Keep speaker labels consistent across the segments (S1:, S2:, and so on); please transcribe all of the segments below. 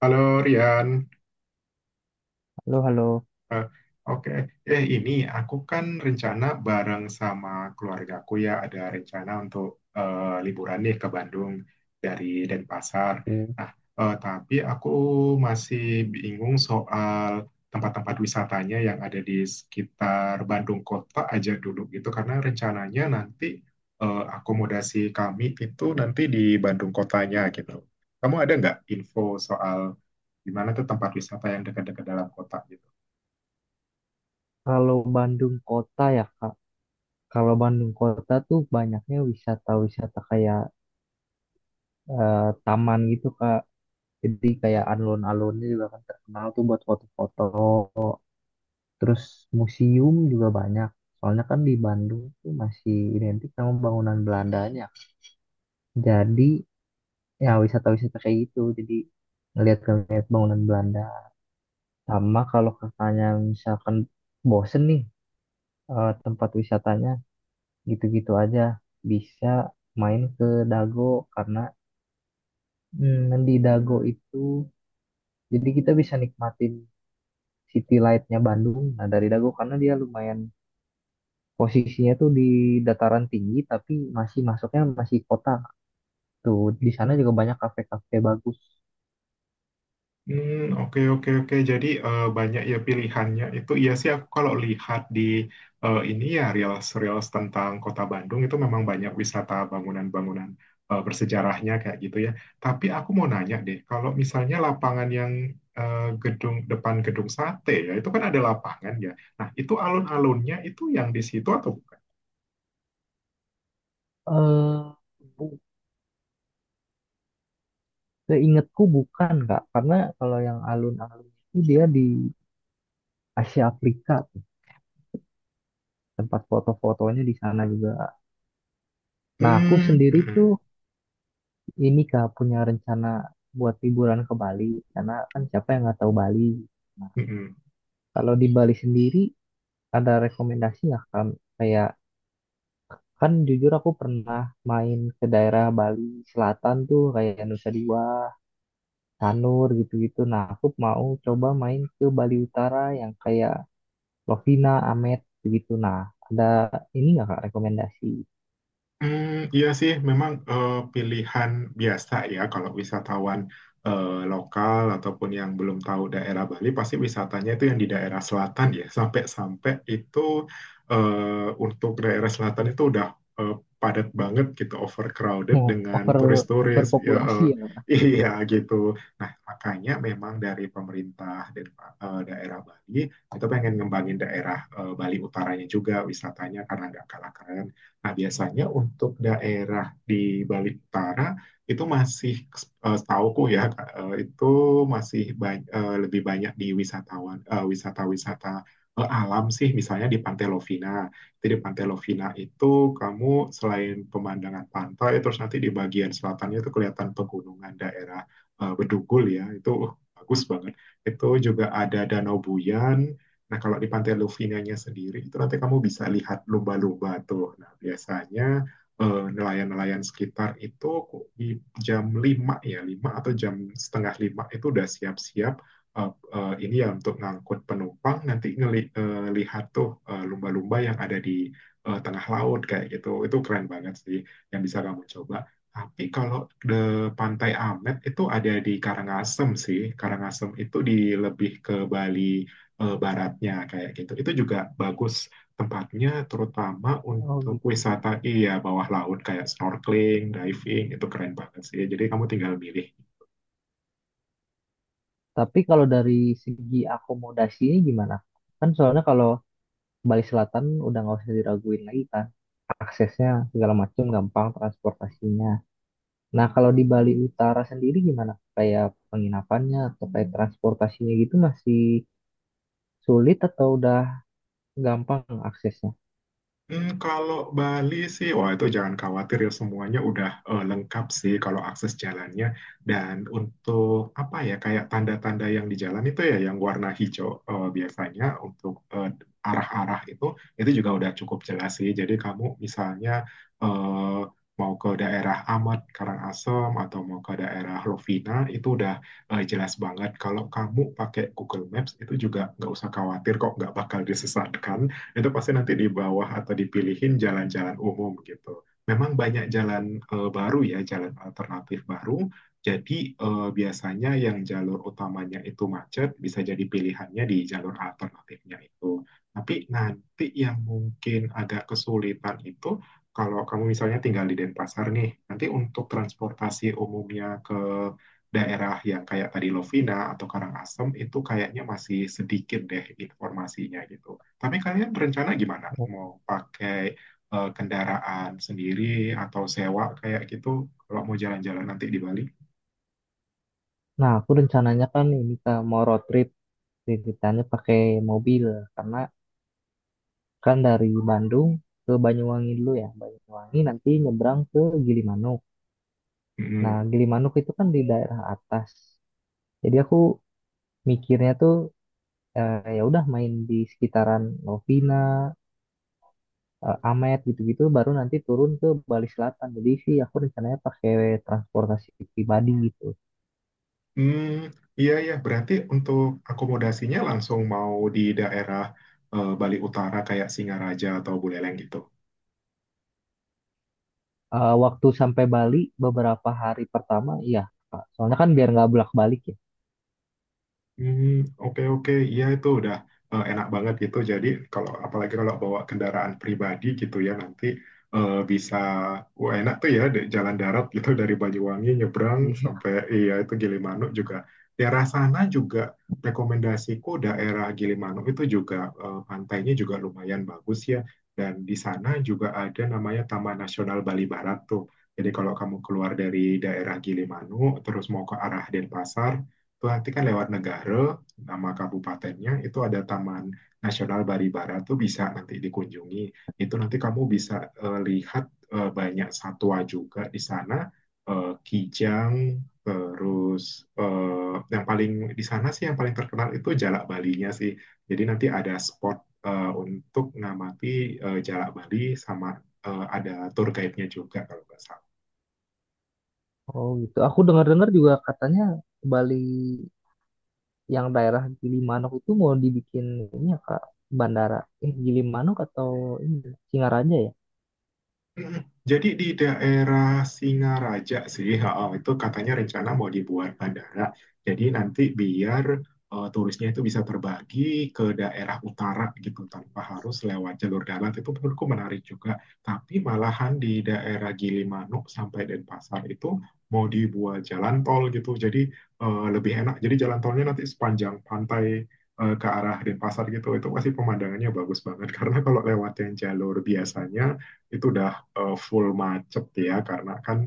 S1: Halo Rian.
S2: Halo, halo.
S1: Eh, oke. Ini aku kan rencana bareng sama keluargaku ya, ada rencana untuk liburan nih ke Bandung dari Denpasar.
S2: Oke.
S1: Nah, tapi aku masih bingung soal tempat-tempat wisatanya yang ada di sekitar Bandung kota aja dulu gitu, karena rencananya nanti akomodasi kami itu nanti di Bandung kotanya gitu. Kamu ada nggak info soal di mana tuh tempat wisata yang dekat-dekat dalam kota gitu?
S2: Kalau Bandung kota ya, Kak. Kalau Bandung kota tuh banyaknya wisata-wisata kayak taman gitu, Kak. Jadi kayak alun-alunnya juga kan terkenal tuh buat foto-foto. Terus museum juga banyak. Soalnya kan di Bandung tuh masih identik sama bangunan Belandanya. Jadi ya wisata-wisata kayak gitu. Jadi ngeliat-ngeliat bangunan Belanda. Sama kalau kakaknya misalkan bosen nih tempat wisatanya gitu-gitu aja bisa main ke Dago karena di Dago itu jadi kita bisa nikmatin city light-nya Bandung, nah dari Dago karena dia lumayan, posisinya tuh di dataran tinggi tapi masih masuknya masih kota tuh, di sana juga banyak kafe-kafe bagus.
S1: Hmm, oke oke oke. Jadi, banyak ya pilihannya. Itu iya sih, aku kalau lihat di ini ya reels-reels tentang Kota Bandung itu memang banyak wisata bangunan-bangunan bersejarahnya kayak gitu ya. Tapi aku mau nanya deh, kalau misalnya lapangan yang gedung depan gedung sate ya, itu kan ada lapangan ya. Nah, itu alun-alunnya itu yang di situ atau bukan?
S2: eh bu- Seingatku bukan, Kak, karena kalau yang alun-alun itu dia di Asia Afrika, tempat foto-fotonya di sana juga. Nah, aku
S1: Hmm.
S2: sendiri tuh ini Kak punya rencana buat liburan ke Bali karena kan siapa yang nggak tahu Bali. Nah,
S1: Mm-mm.
S2: kalau di Bali sendiri ada rekomendasi nggak kan, kayak, kan jujur aku pernah main ke daerah Bali Selatan tuh kayak Nusa Dua, Tanur gitu-gitu. Nah, aku mau coba main ke Bali Utara yang kayak Lovina, Amet gitu. Nah, ada ini nggak Kak rekomendasi?
S1: Hmm, iya sih, memang pilihan biasa ya kalau wisatawan lokal ataupun yang belum tahu daerah Bali, pasti wisatanya itu yang di daerah selatan ya. Sampai-sampai itu, untuk daerah selatan itu udah eh, padat banget gitu, overcrowded
S2: Oh,
S1: dengan turis-turis. Ya,
S2: overpopulasi ya.
S1: iya gitu. Nah, makanya memang dari pemerintah dan daerah Bali itu pengen ngembangin daerah Bali utaranya juga wisatanya, karena nggak kalah keren. Nah, biasanya untuk daerah di Bali Utara itu masih, setauku ya, itu masih lebih banyak di wisatawan, wisata-wisata alam sih, misalnya di Pantai Lovina. Jadi di Pantai Lovina itu, kamu selain pemandangan pantai terus nanti di bagian selatannya itu kelihatan pegunungan daerah Bedugul ya. Itu bagus banget. Itu juga ada Danau Buyan. Nah, kalau di Pantai Lufinanya sendiri, itu nanti kamu bisa lihat lumba-lumba tuh. Nah, biasanya nelayan-nelayan sekitar itu di jam 5 ya, 5 atau jam setengah 5 itu udah siap-siap, eh, ini ya untuk ngangkut penumpang, nanti ngelihat tuh lumba-lumba yang ada di tengah laut kayak gitu. Itu keren banget sih yang bisa kamu coba. Tapi kalau di Pantai Amet itu ada di Karangasem sih. Karangasem itu di lebih ke Bali baratnya kayak gitu. Itu juga bagus tempatnya, terutama
S2: Oh
S1: untuk
S2: gitu.
S1: wisata iya bawah laut kayak snorkeling, diving itu keren banget sih. Jadi kamu tinggal milih.
S2: Tapi kalau dari segi akomodasinya gimana? Kan soalnya kalau Bali Selatan udah nggak usah diraguin lagi kan. Aksesnya segala macam gampang, transportasinya. Nah kalau di Bali Utara sendiri gimana? Kayak penginapannya atau kayak transportasinya gitu masih sulit atau udah gampang aksesnya?
S1: Kalau Bali sih, wah itu jangan khawatir ya, semuanya udah lengkap sih kalau akses jalannya. Dan untuk apa ya, kayak tanda-tanda yang di jalan itu ya yang warna hijau biasanya untuk arah-arah itu juga udah cukup jelas sih. Jadi kamu misalnya eh, mau ke daerah Amat Karangasem atau mau ke daerah Lovina itu udah jelas banget. Kalau kamu pakai Google Maps itu juga nggak usah khawatir kok, nggak bakal disesatkan. Itu pasti nanti di bawah atau dipilihin jalan-jalan umum gitu. Memang banyak jalan baru ya, jalan alternatif baru. Jadi biasanya yang jalur utamanya itu macet, bisa jadi pilihannya di jalur alternatifnya itu. Tapi nanti yang mungkin agak kesulitan itu kalau kamu misalnya tinggal di Denpasar nih, nanti untuk transportasi umumnya ke daerah yang kayak tadi Lovina atau Karangasem itu kayaknya masih sedikit deh informasinya gitu. Tapi kalian berencana gimana? Mau pakai kendaraan sendiri atau sewa kayak gitu kalau mau jalan-jalan nanti di Bali?
S2: Nah aku rencananya kan ini Kak, mau road trip. Ceritanya pakai mobil karena kan dari Bandung ke Banyuwangi dulu ya. Banyuwangi nanti nyebrang ke Gilimanuk. Nah,
S1: Mm.
S2: Gilimanuk itu kan di daerah atas. Jadi aku mikirnya tuh, ya udah main di sekitaran Novina, Amet gitu-gitu baru nanti turun ke Bali Selatan. Jadi sih aku rencananya pakai transportasi pribadi gitu.
S1: Hmm, iya ya, berarti untuk akomodasinya langsung mau di daerah Bali Utara kayak Singaraja atau Buleleng gitu?
S2: Eh, waktu sampai Bali beberapa hari pertama iya, Kak. Soalnya kan biar nggak bolak-balik ya.
S1: Hmm, oke oke, iya itu udah enak banget gitu. Jadi kalau apalagi kalau bawa kendaraan pribadi gitu ya nanti bisa, wah enak tuh ya di jalan darat gitu dari Banyuwangi nyebrang
S2: Iya.
S1: sampai iya itu Gilimanuk juga. Daerah sana juga rekomendasiku, daerah Gilimanuk itu juga pantainya juga lumayan bagus ya. Dan di sana juga ada namanya Taman Nasional Bali Barat tuh. Jadi kalau kamu keluar dari daerah Gilimanuk terus mau ke arah Denpasar, itu nanti kan lewat negara, nama kabupatennya, itu ada Taman Nasional Baribara tuh, bisa nanti dikunjungi. Itu nanti kamu bisa lihat banyak satwa juga di sana, kijang, terus yang paling di sana sih yang paling terkenal itu Jalak Balinya sih. Jadi nanti ada spot untuk ngamati Jalak Bali, sama ada tour guide-nya juga kalau nggak salah.
S2: Oh gitu. Aku dengar-dengar juga katanya Bali yang daerah Gilimanuk itu mau dibikin ini ya Kak, bandara. Eh, Gilimanuk atau ini Singaraja ya?
S1: Jadi di daerah Singaraja sih, ha, itu katanya rencana mau dibuat bandara. Jadi nanti biar turisnya itu bisa terbagi ke daerah utara gitu tanpa harus lewat jalur darat. Itu menurutku menarik juga. Tapi malahan di daerah Gilimanuk sampai Denpasar itu mau dibuat jalan tol gitu. Jadi lebih enak. Jadi jalan tolnya nanti sepanjang pantai ke arah Denpasar gitu. Itu pasti pemandangannya bagus banget. Karena kalau lewat yang jalur
S2: Oh,
S1: biasanya itu udah full macet ya, karena kan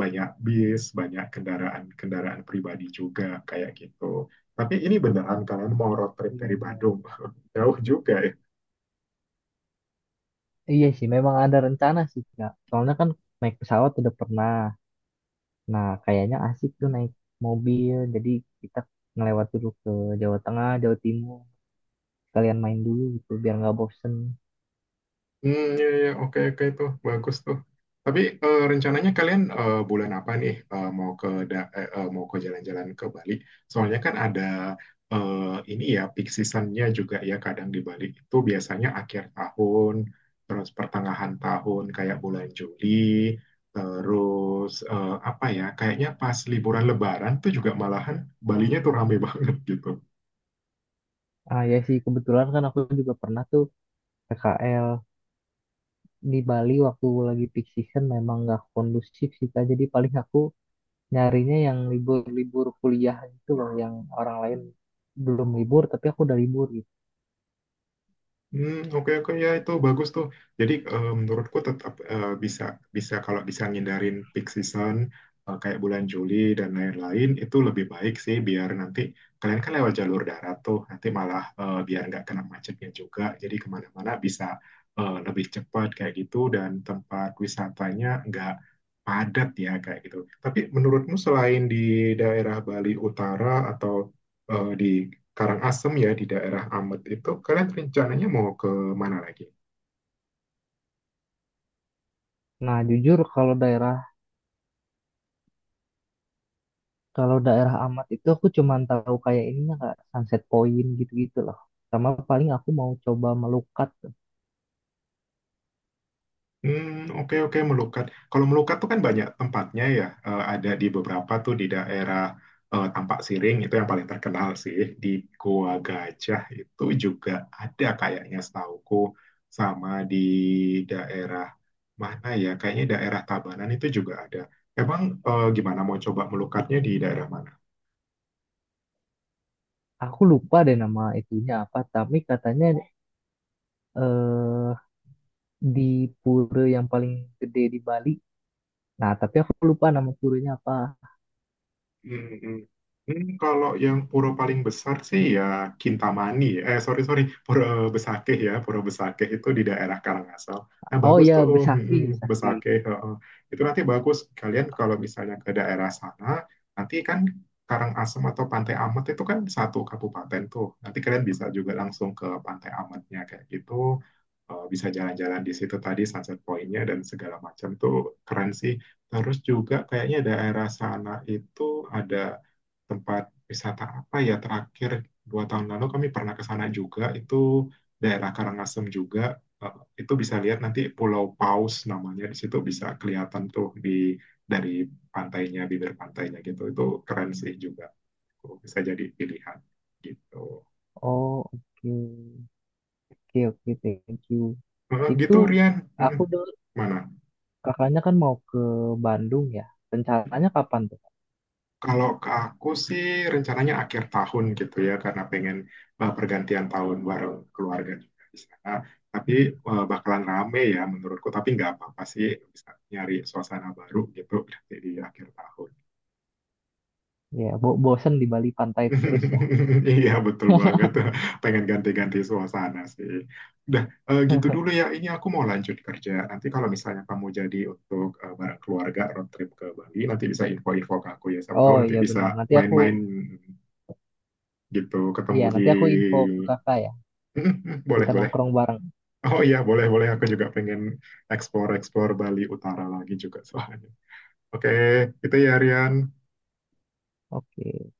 S1: banyak bis, banyak kendaraan-kendaraan pribadi juga kayak gitu. Tapi ini beneran kalian mau road trip
S2: iya,
S1: dari
S2: iya.
S1: Bandung? Jauh juga ya.
S2: Iya sih, memang ada rencana sih Kak. Soalnya kan naik pesawat udah pernah. Nah, kayaknya asik tuh naik mobil. Jadi kita ngelewat dulu ke Jawa Tengah, Jawa Timur. Sekalian main dulu gitu, biar nggak bosen.
S1: Hmm, ya, ya, oke, oke tuh, bagus tuh. Tapi rencananya kalian bulan apa nih, eh, mau ke da- eh, eh, mau ke jalan-jalan ke Bali? Soalnya kan ada eh, ini ya peak seasonnya juga ya, kadang di Bali itu biasanya akhir tahun, terus pertengahan tahun kayak bulan Juli, terus apa ya? Kayaknya pas liburan Lebaran tuh juga malahan Balinya tuh rame banget gitu.
S2: Ah ya sih, kebetulan kan aku juga pernah tuh PKL di Bali waktu lagi peak season memang nggak kondusif sih Kak. Jadi paling aku nyarinya yang libur-libur kuliah gitu loh, yang orang lain belum libur tapi aku udah libur gitu.
S1: Hmm, oke oke, ya itu bagus tuh. Jadi menurutku tetap bisa bisa kalau bisa ngindarin peak season, kayak bulan Juli dan lain-lain itu lebih baik sih, biar nanti kalian kan lewat jalur darat tuh nanti malah biar nggak kena macetnya juga. Jadi kemana-mana bisa lebih cepat kayak gitu dan tempat wisatanya nggak padat ya kayak gitu. Tapi menurutmu selain di daerah Bali Utara atau di Karangasem ya, di daerah Amet itu kalian rencananya mau ke mana lagi?
S2: Nah jujur kalau daerah, amat itu aku cuman tahu kayak ininya nggak Sunset Point gitu-gitu loh. Sama paling aku mau coba melukat.
S1: Hmm, oke oke, Melukat. Kalau Melukat tuh kan banyak tempatnya ya. Ada di beberapa tuh, di daerah Tampak Siring itu yang paling terkenal sih. Di Goa Gajah itu juga ada kayaknya setauku, sama di daerah mana ya? Kayaknya daerah Tabanan itu juga ada. Emang gimana, mau coba Melukatnya di daerah mana?
S2: Aku lupa deh nama itunya apa tapi katanya eh di pura yang paling gede di Bali. Nah tapi aku lupa nama puranya apa.
S1: Hmm, hmm. Kalau yang pura paling besar sih ya Kintamani. Sorry sorry, pura Besakeh ya, pura Besakeh itu di daerah Karangasem. Nah
S2: Oh
S1: bagus
S2: ya,
S1: tuh, hmm,
S2: Besaki,
S1: hmm,
S2: Besaki.
S1: Besakeh. Heeh. Itu nanti bagus. Kalian kalau misalnya ke daerah sana, nanti kan Karangasem atau Pantai Amet itu kan satu kabupaten tuh. Nanti kalian bisa juga langsung ke Pantai Ametnya kayak gitu. Bisa jalan-jalan di situ, tadi sunset pointnya dan segala macam tuh keren sih. Terus juga kayaknya daerah sana itu ada tempat wisata apa ya, terakhir 2 tahun lalu kami pernah ke sana juga, itu daerah Karangasem juga. Eh, itu bisa lihat nanti Pulau Paus namanya, di situ bisa kelihatan tuh di dari pantainya, bibir pantainya gitu, itu keren sih juga, bisa jadi pilihan gitu.
S2: Oh oke. Oke, oke, thank you.
S1: Eh,
S2: Itu
S1: gitu Rian. Hmm,
S2: aku dengar
S1: mana
S2: kakaknya kan mau ke Bandung ya. Rencananya kapan tuh?
S1: Kalau ke aku sih rencananya akhir tahun gitu ya, karena pengen pergantian tahun bareng keluarga juga di sana. Tapi bakalan rame ya menurutku. Tapi nggak apa-apa sih, bisa nyari suasana baru gitu berarti di akhir tahun.
S2: Ya, bosen di Bali pantai terus ya.
S1: Iya betul banget. Pengen ganti-ganti suasana sih. Udah gitu dulu ya. Ini aku mau lanjut kerja. Nanti kalau misalnya kamu jadi untuk bareng keluarga road trip ke Bali, nanti bisa info-info ke aku ya. Siapa tahu
S2: Oh
S1: nanti
S2: iya
S1: bisa
S2: benar.
S1: main-main gitu ketemu
S2: Iya
S1: di
S2: nanti aku info ke kakak ya.
S1: boleh
S2: Kita
S1: boleh.
S2: nongkrong bareng.
S1: Oh iya boleh boleh, aku juga pengen explore explore Bali Utara lagi juga soalnya. Oke, itu ya Rian.
S2: Oke.